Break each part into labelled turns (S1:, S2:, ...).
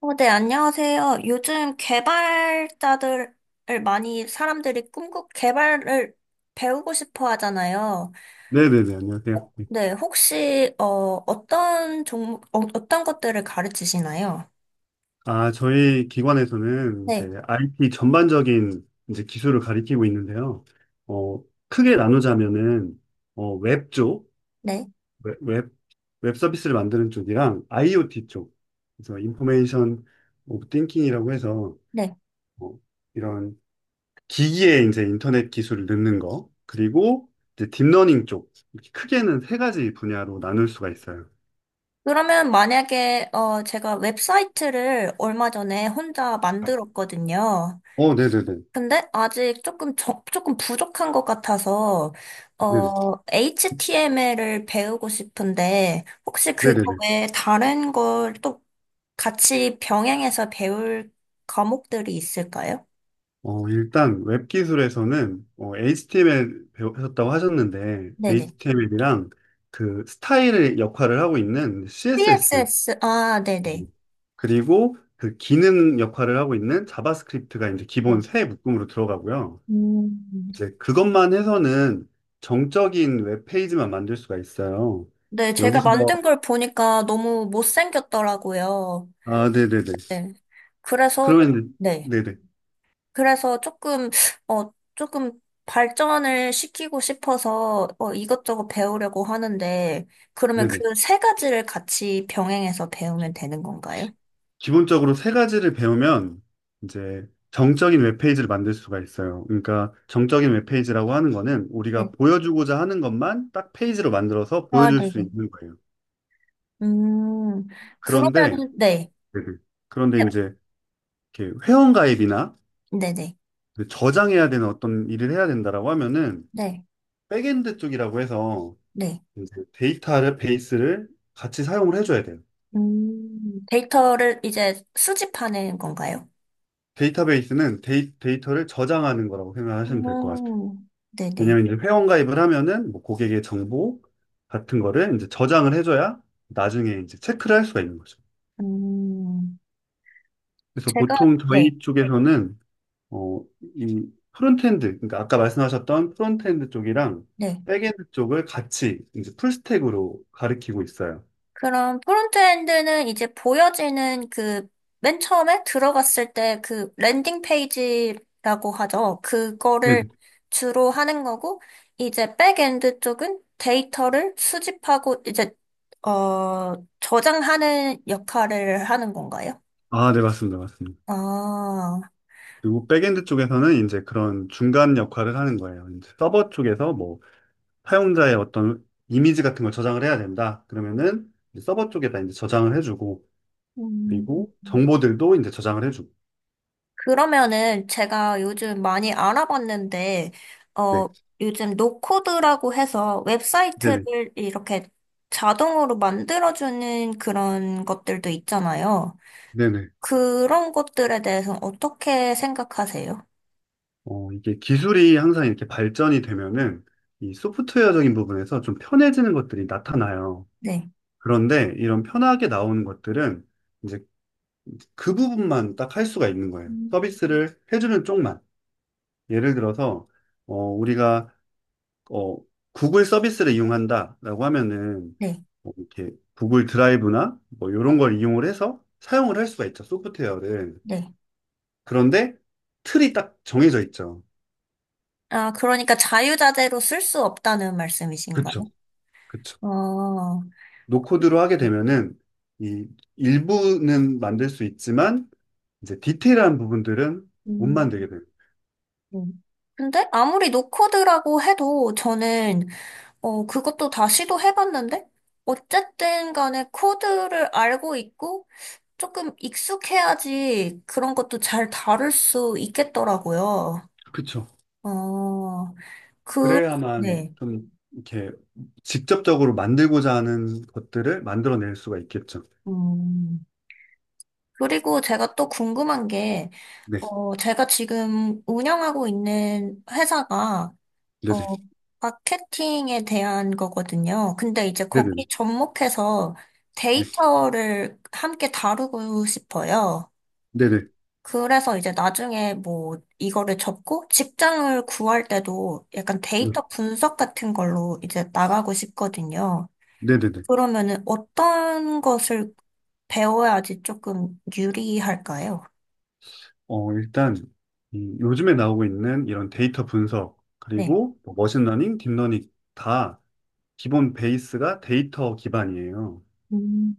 S1: 네, 안녕하세요. 요즘 개발자들을 많이 사람들이 개발을 배우고 싶어 하잖아요.
S2: 네네네, 안녕하세요. 네.
S1: 네, 혹시, 어떤 것들을 가르치시나요?
S2: 저희 기관에서는 이제
S1: 네,
S2: IT 전반적인 이제 기술을 가리키고 있는데요. 어, 크게 나누자면은, 웹 쪽,
S1: 네,
S2: 웹, 웹, 웹 서비스를 만드는 쪽이랑 IoT 쪽. 그래서 인포메이션 오브 띵킹이라고 해서,
S1: 네.
S2: 어, 이런 기기에 이제 인터넷 기술을 넣는 거, 그리고 이제 딥러닝 쪽. 이렇게 크게는 세 가지 분야로 나눌 수가 있어요.
S1: 그러면 만약에, 제가 웹사이트를 얼마 전에 혼자 만들었거든요.
S2: 어, 네네네.
S1: 근데 아직 조금 부족한 것 같아서,
S2: 네네.
S1: HTML을 배우고 싶은데, 혹시 그거
S2: 네네네.
S1: 외에 다른 걸 또 같이 병행해서 배울 과목들이 있을까요?
S2: 일단 웹 기술에서는 HTML 배우셨다고 하셨는데
S1: 네네.
S2: HTML이랑 그 스타일의 역할을 하고 있는 CSS,
S1: CSS, 아, 네네.
S2: 그리고 그 기능 역할을 하고 있는 자바스크립트가 이제 기본
S1: 네.
S2: 세 묶음으로 들어가고요.
S1: 음.
S2: 이제 그것만 해서는 정적인 웹 페이지만 만들 수가 있어요.
S1: 네, 제가
S2: 여기서
S1: 만든 걸 보니까 너무 못생겼더라고요.
S2: 아, 네네네.
S1: 네. 그래서,
S2: 그러면
S1: 네.
S2: 이제- 네네
S1: 그래서 조금 발전을 시키고 싶어서 이것저것 배우려고 하는데, 그러면 그
S2: 네네.
S1: 세 가지를 같이 병행해서 배우면 되는 건가요?
S2: 기본적으로 세 가지를 배우면 이제 정적인 웹페이지를 만들 수가 있어요. 그러니까 정적인 웹페이지라고 하는 거는 우리가
S1: 네.
S2: 보여주고자 하는 것만 딱 페이지로 만들어서
S1: 아,
S2: 보여줄 수
S1: 네네.
S2: 있는 거예요.
S1: 음,
S2: 그런데,
S1: 그러면은, 네.
S2: 네네. 그런데
S1: 네,
S2: 이제 이렇게 회원가입이나
S1: 네네.
S2: 저장해야 되는 어떤 일을 해야 된다라고 하면은
S1: 네,
S2: 백엔드 쪽이라고 해서
S1: 네.
S2: 이제 베이스를 같이 사용을 해줘야 돼요.
S1: 데이터를 이제 수집하는 건가요?
S2: 데이터베이스는 데이터를 저장하는 거라고 생각하시면 될 것 같아요.
S1: 네네.
S2: 왜냐면 이제 회원 가입을 하면은 뭐 고객의 정보 같은 거를 이제 저장을 해줘야 나중에 이제 체크를 할 수가 있는 거죠.
S1: 음,
S2: 그래서
S1: 제가,
S2: 보통
S1: 네,
S2: 저희 쪽에서는 어, 이 프론트엔드, 그러니까 아까 말씀하셨던 프론트엔드 쪽이랑
S1: 네.
S2: 백엔드 쪽을 같이 이제 풀스택으로 가리키고 있어요.
S1: 그럼 프론트엔드는 이제 보여지는 그 맨 처음에 들어갔을 때 그 랜딩 페이지라고 하죠.
S2: 네.
S1: 그거를 주로 하는 거고 이제 백엔드 쪽은 데이터를 수집하고 이제 어 저장하는 역할을 하는 건가요?
S2: 아, 네, 맞습니다. 맞습니다.
S1: 아,
S2: 그리고 백엔드 쪽에서는 이제 그런 중간 역할을 하는 거예요. 이제 서버 쪽에서 뭐 사용자의 어떤 이미지 같은 걸 저장을 해야 된다. 그러면은 이제 서버 쪽에다 이제 저장을 해주고
S1: 음.
S2: 그리고 정보들도 이제 저장을 해주고.
S1: 그러면은 제가 요즘 많이 알아봤는데, 어,
S2: 네.
S1: 요즘 노코드라고 해서
S2: 네네.
S1: 웹사이트를 이렇게 자동으로 만들어주는 그런 것들도 있잖아요.
S2: 네네.
S1: 그런 것들에 대해서 어떻게 생각하세요?
S2: 이게 기술이 항상 이렇게 발전이 되면은 이 소프트웨어적인 부분에서 좀 편해지는 것들이 나타나요.
S1: 네,
S2: 그런데 이런 편하게 나오는 것들은 이제 그 부분만 딱 할 수가 있는 거예요.
S1: 음.
S2: 서비스를 해주는 쪽만. 예를 들어서, 우리가, 어, 구글 서비스를 이용한다라고 하면은
S1: 네,
S2: 뭐 이렇게 구글 드라이브나 뭐 이런 걸 이용을 해서 사용을 할 수가 있죠. 소프트웨어를.
S1: 네.
S2: 그런데 틀이 딱 정해져 있죠.
S1: 아, 그러니까 자유자재로 쓸 수 없다는 말씀이신가요?
S2: 그쵸. 그쵸.
S1: 어,
S2: 노코드로 하게 되면은 이 일부는 만들 수 있지만 이제 디테일한 부분들은 못
S1: 음.
S2: 만들게 돼요.
S1: 음. 근데 아무리 노코드라고 해도 저는 그것도 다 시도해봤는데? 어쨌든 간에 코드를 알고 있고 조금 익숙해야지 그런 것도 잘 다룰 수 있겠더라고요.
S2: 그쵸.
S1: 어, 그,
S2: 그래야만
S1: 네.
S2: 좀 이렇게 직접적으로 만들고자 하는 것들을 만들어낼 수가 있겠죠.
S1: 음, 그리고 제가 또 궁금한 게,
S2: 네,
S1: 제가 지금 운영하고 있는 회사가,
S2: 네네,
S1: 어, 마케팅에 대한 거거든요. 근데 이제
S2: 네네네,
S1: 거기 접목해서
S2: 네,
S1: 데이터를 함께 다루고 싶어요.
S2: 네네,
S1: 그래서 이제 나중에 뭐 이거를 접고 직장을 구할 때도 약간
S2: 네,
S1: 데이터 분석 같은 걸로 이제 나가고 싶거든요.
S2: 네네네.
S1: 그러면은 어떤 것을 배워야지 조금 유리할까요?
S2: 일단 이 요즘에 나오고 있는 이런 데이터 분석
S1: 네.
S2: 그리고 뭐 머신러닝, 딥러닝 다 기본 베이스가 데이터 기반이에요.
S1: 음.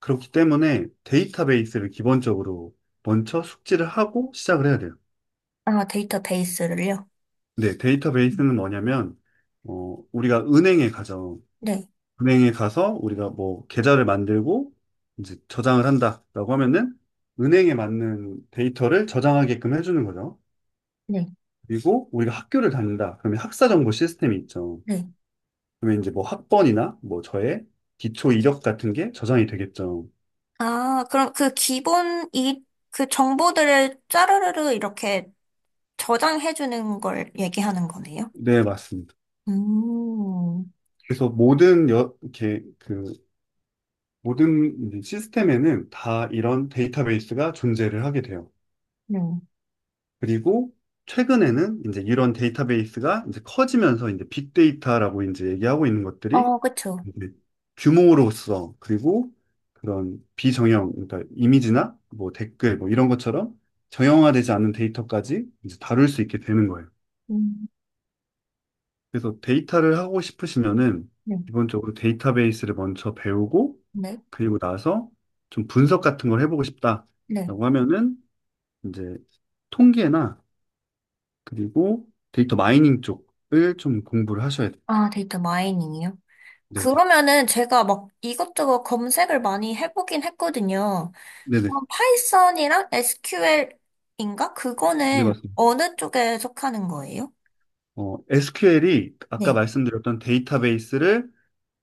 S2: 그렇기 때문에 데이터베이스를 기본적으로 먼저 숙지를 하고 시작을 해야 돼요.
S1: 아, 데이터베이스를요?
S2: 네,
S1: 음.
S2: 데이터베이스는 뭐냐면, 우리가 은행에 가죠.
S1: 네.
S2: 은행에 가서 우리가 뭐 계좌를 만들고 이제 저장을 한다라고 하면은 은행에 맞는 데이터를 저장하게끔 해주는 거죠.
S1: 네.
S2: 그리고 우리가 학교를 다닌다. 그러면 학사 정보 시스템이 있죠.
S1: 네.
S2: 그러면 이제 뭐 학번이나 뭐 저의 기초 이력 같은 게 저장이 되겠죠.
S1: 아, 그럼 그 그 정보들을 짜르르르 이렇게 저장해주는 걸 얘기하는 거네요?
S2: 네, 맞습니다.
S1: 음,
S2: 그래서 이렇게 그 모든 이제 시스템에는 다 이런 데이터베이스가 존재를 하게 돼요.
S1: 네.
S2: 그리고 최근에는 이제 이런 데이터베이스가 이제 커지면서 이제 빅데이터라고 이제 얘기하고 있는 것들이
S1: 어, 그쵸.
S2: 이제 규모로서 그리고 그런 비정형, 그러니까 이미지나 뭐 댓글 뭐 이런 것처럼 정형화되지 않는 데이터까지 이제 다룰 수 있게 되는 거예요.
S1: 음.
S2: 그래서 데이터를 하고 싶으시면은
S1: 네,
S2: 기본적으로 데이터베이스를 먼저 배우고
S1: 네,
S2: 그리고 나서 좀 분석 같은 걸 해보고
S1: 네.
S2: 싶다라고 하면은 이제 통계나 그리고 데이터 마이닝 쪽을 좀 공부를 하셔야 돼요.
S1: 아, 데이터 마이닝이요?
S2: 네네.
S1: 그러면은 제가 막 이것저것 검색을 많이 해보긴 했거든요.
S2: 네네.
S1: 그럼 파이썬이랑 SQL인가?
S2: 네,
S1: 그거는
S2: 맞습니다.
S1: 어느 쪽에 속하는 거예요?
S2: SQL이 아까
S1: 네.
S2: 말씀드렸던 데이터베이스를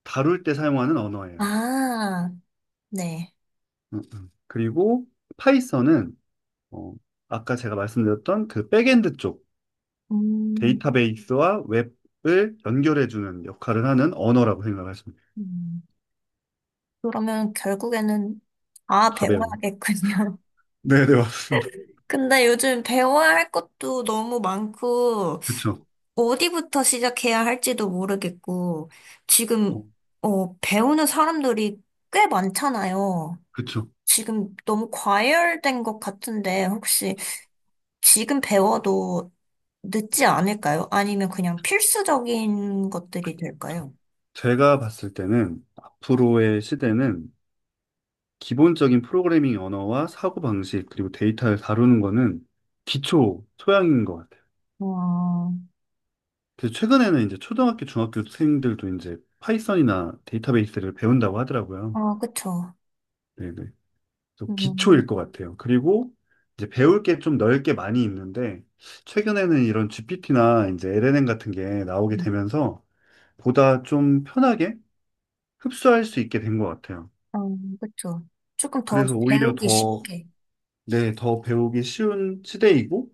S2: 다룰 때 사용하는 언어예요.
S1: 아, 네.
S2: 그리고 파이썬은 어, 아까 제가 말씀드렸던 그 백엔드 쪽
S1: 음,
S2: 데이터베이스와 웹을 연결해주는 역할을 하는 언어라고 생각하시면 돼요.
S1: 음. 그러면 결국에는 아,
S2: 다 배워요.
S1: 배워야겠군요.
S2: 네, 네, 맞습니다.
S1: 근데 요즘 배워야 할 것도 너무 많고,
S2: 그쵸.
S1: 어디부터 시작해야 할지도 모르겠고,
S2: 어,
S1: 지금, 배우는 사람들이 꽤 많잖아요.
S2: 그쵸.
S1: 지금 너무 과열된 것 같은데, 혹시 지금 배워도 늦지 않을까요? 아니면 그냥 필수적인 것들이 될까요?
S2: 제가 봤을 때는 앞으로의 시대는 기본적인 프로그래밍 언어와 사고방식, 그리고 데이터를 다루는 거는 기초 소양인 것 같아요.
S1: 어,
S2: 그래서 최근에는 이제 초등학교, 중학교 학생들도 이제 파이썬이나 데이터베이스를 배운다고 하더라고요.
S1: 아, 그쵸.
S2: 네네. 또
S1: 음,
S2: 기초일 것 같아요. 그리고 이제 배울 게 좀 넓게 많이 있는데, 최근에는 이런 GPT나 이제 LLM 같은 게 나오게
S1: 음,
S2: 되면서 보다 좀 편하게 흡수할 수 있게 된 것 같아요.
S1: 그쵸. 조금 더
S2: 그래서 오히려
S1: 배우기
S2: 더,
S1: 쉽게.
S2: 네, 더 배우기 쉬운 시대이고,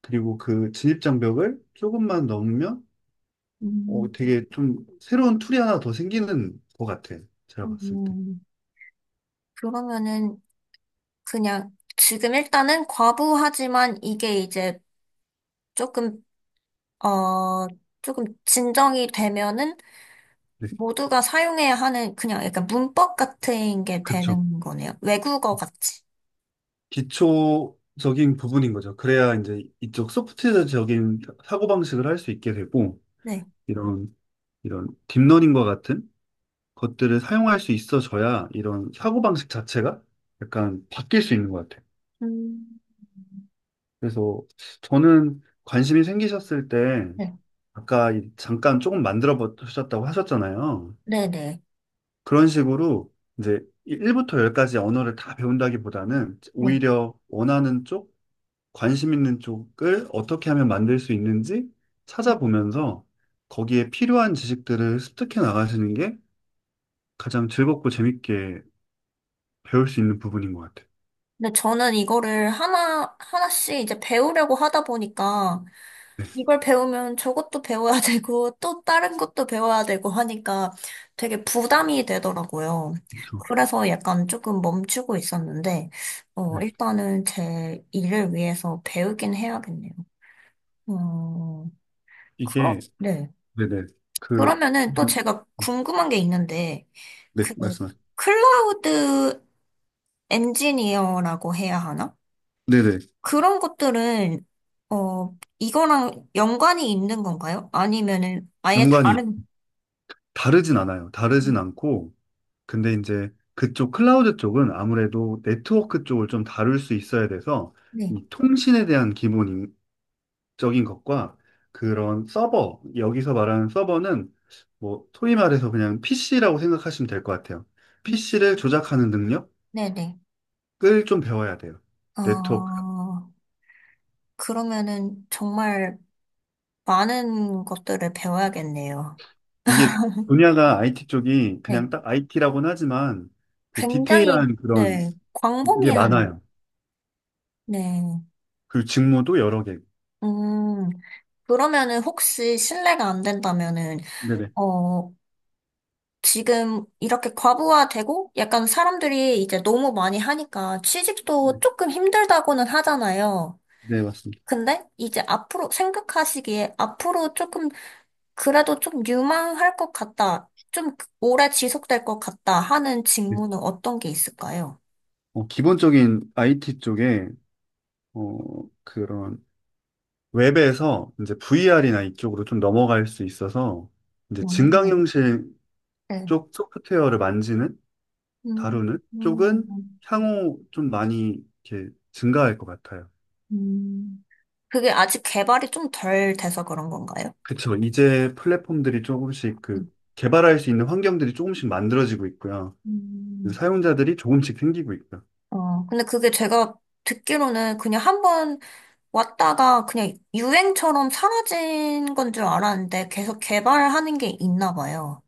S2: 그리고 그 진입장벽을 조금만 넘으면
S1: 음,
S2: 되게 좀 새로운 툴이 하나 더 생기는 것 같아요. 제가 봤을 때.
S1: 음, 그러면은 그냥 지금 일단은 과부하지만 이게 이제 조금, 어, 조금 진정이 되면은
S2: 네,
S1: 모두가 사용해야 하는 그냥 약간 문법 같은 게
S2: 그쵸.
S1: 되는 거네요. 외국어 같이.
S2: 기초적인 부분인 거죠. 그래야 이제 이쪽 소프트적인 사고방식을 할 수 있게 되고,
S1: 네.
S2: 이런, 이런 딥러닝과 같은 것들을 사용할 수 있어져야 이런 사고방식 자체가 약간 바뀔 수 있는 것 같아요.
S1: 음.
S2: 그래서 저는 관심이 생기셨을 때,
S1: 네.
S2: 아까 이- 잠깐 조금 만들어 보셨다고 하셨잖아요.
S1: 네네.
S2: 그런 식으로 이제 1부터 10까지 언어를 다 배운다기보다는
S1: 네.
S2: 오히려 원하는 쪽, 관심 있는 쪽을 어떻게 하면 만들 수 있는지 찾아보면서 거기에 필요한 지식들을 습득해 나가시는 게 가장 즐겁고 재밌게 배울 수 있는 부분인 것 같아요.
S1: 근데 저는 이거를 하나씩 이제 배우려고 하다 보니까 이걸 배우면 저것도 배워야 되고 또 다른 것도 배워야 되고 하니까 되게 부담이 되더라고요.
S2: 그렇죠.
S1: 그래서 약간 조금 멈추고 있었는데,
S2: 네.
S1: 일단은 제 일을 위해서 배우긴 해야겠네요. 어,
S2: 이게,
S1: 네.
S2: 네네. 그,
S1: 그러면은 또
S2: 좀-
S1: 제가 궁금한 게 있는데,
S2: 네,
S1: 그,
S2: 말씀하세요.
S1: 클라우드 엔지니어라고 해야 하나?
S2: 네네.
S1: 그런 것들은, 이거랑 연관이 있는 건가요? 아니면은 아예
S2: 연관이
S1: 다른,
S2: 다르진 않아요. 다르진 않고, 근데 이제 그쪽 클라우드 쪽은 아무래도 네트워크 쪽을 좀 다룰 수 있어야 돼서
S1: 네,
S2: 이 통신에 대한 기본 적인 것과 그런 서버, 여기서 말하는 서버는 뭐 소위 말해서 그냥 PC라고 생각하시면 될 것 같아요. PC를 조작하는 능력을
S1: 네네.
S2: 좀 배워야 돼요. 네트워크.
S1: 어, 그러면은 정말 많은 것들을 배워야겠네요.
S2: 이게 분야가 IT 쪽이 그냥
S1: 네.
S2: 딱 IT라고는 하지만 그
S1: 굉장히,
S2: 디테일한 그런
S1: 네,
S2: 게
S1: 광범위한,
S2: 많아요.
S1: 네.
S2: 그리고 직무도 여러 개.
S1: 음, 그러면은 혹시 실례가 안 된다면은,
S2: 네네.
S1: 어, 지금 이렇게 과부하되고 약간 사람들이 이제 너무 많이 하니까
S2: 네,
S1: 취직도 조금 힘들다고는 하잖아요.
S2: 네, 맞습니다.
S1: 근데 이제 앞으로 생각하시기에 앞으로 조금 그래도 좀 유망할 것 같다. 좀 오래 지속될 것 같다 하는
S2: 네.
S1: 직무는 어떤 게 있을까요?
S2: 기본적인 IT 쪽에 어, 그런 웹에서 이제 VR이나 이쪽으로 좀 넘어갈 수 있어서 이제
S1: 어,
S2: 증강현실
S1: 네.
S2: 쪽 소프트웨어를 만지는,
S1: 음,
S2: 다루는 쪽은
S1: 음,
S2: 향후 좀 많이 이렇게 증가할 것 같아요.
S1: 음, 그게 아직 개발이 좀 덜 돼서 그런 건가요?
S2: 그쵸. 이제 플랫폼들이 조금씩
S1: 음.
S2: 그 개발할 수 있는 환경들이 조금씩 만들어지고 있고요.
S1: 음.
S2: 사용자들이 조금씩 생기고 있고요.
S1: 근데 그게 제가 듣기로는 그냥 한번 왔다가 그냥 유행처럼 사라진 건 줄 알았는데 계속 개발하는 게 있나 봐요.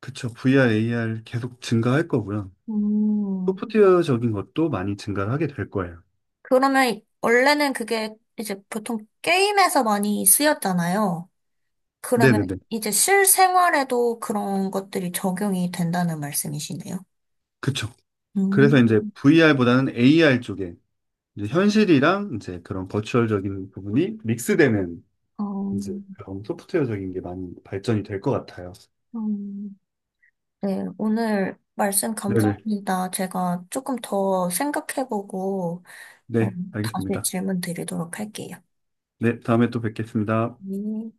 S2: 그쵸. VR, AR 계속 증가할 거고요.
S1: 음,
S2: 소프트웨어적인 것도 많이 증가 하게 될 거예요.
S1: 그러면 원래는 그게 이제 보통 게임에서 많이 쓰였잖아요. 그러면
S2: 네네네.
S1: 이제 실생활에도 그런 것들이 적용이 된다는 말씀이시네요.
S2: 그쵸. 그래서 이제
S1: 음.
S2: VR보다는 AR 쪽에 이제 현실이랑 이제 그런 버추얼적인 부분이 믹스되는
S1: 어,
S2: 이제 그런 소프트웨어적인 게 많이 발전이 될 것 같아요.
S1: 음, 네, 오늘 말씀
S2: 네네.
S1: 감사합니다. 제가 조금 더 생각해보고 어,
S2: 네,
S1: 다시
S2: 알겠습니다.
S1: 질문 드리도록 할게요.
S2: 네, 다음에 또 뵙겠습니다.
S1: 네.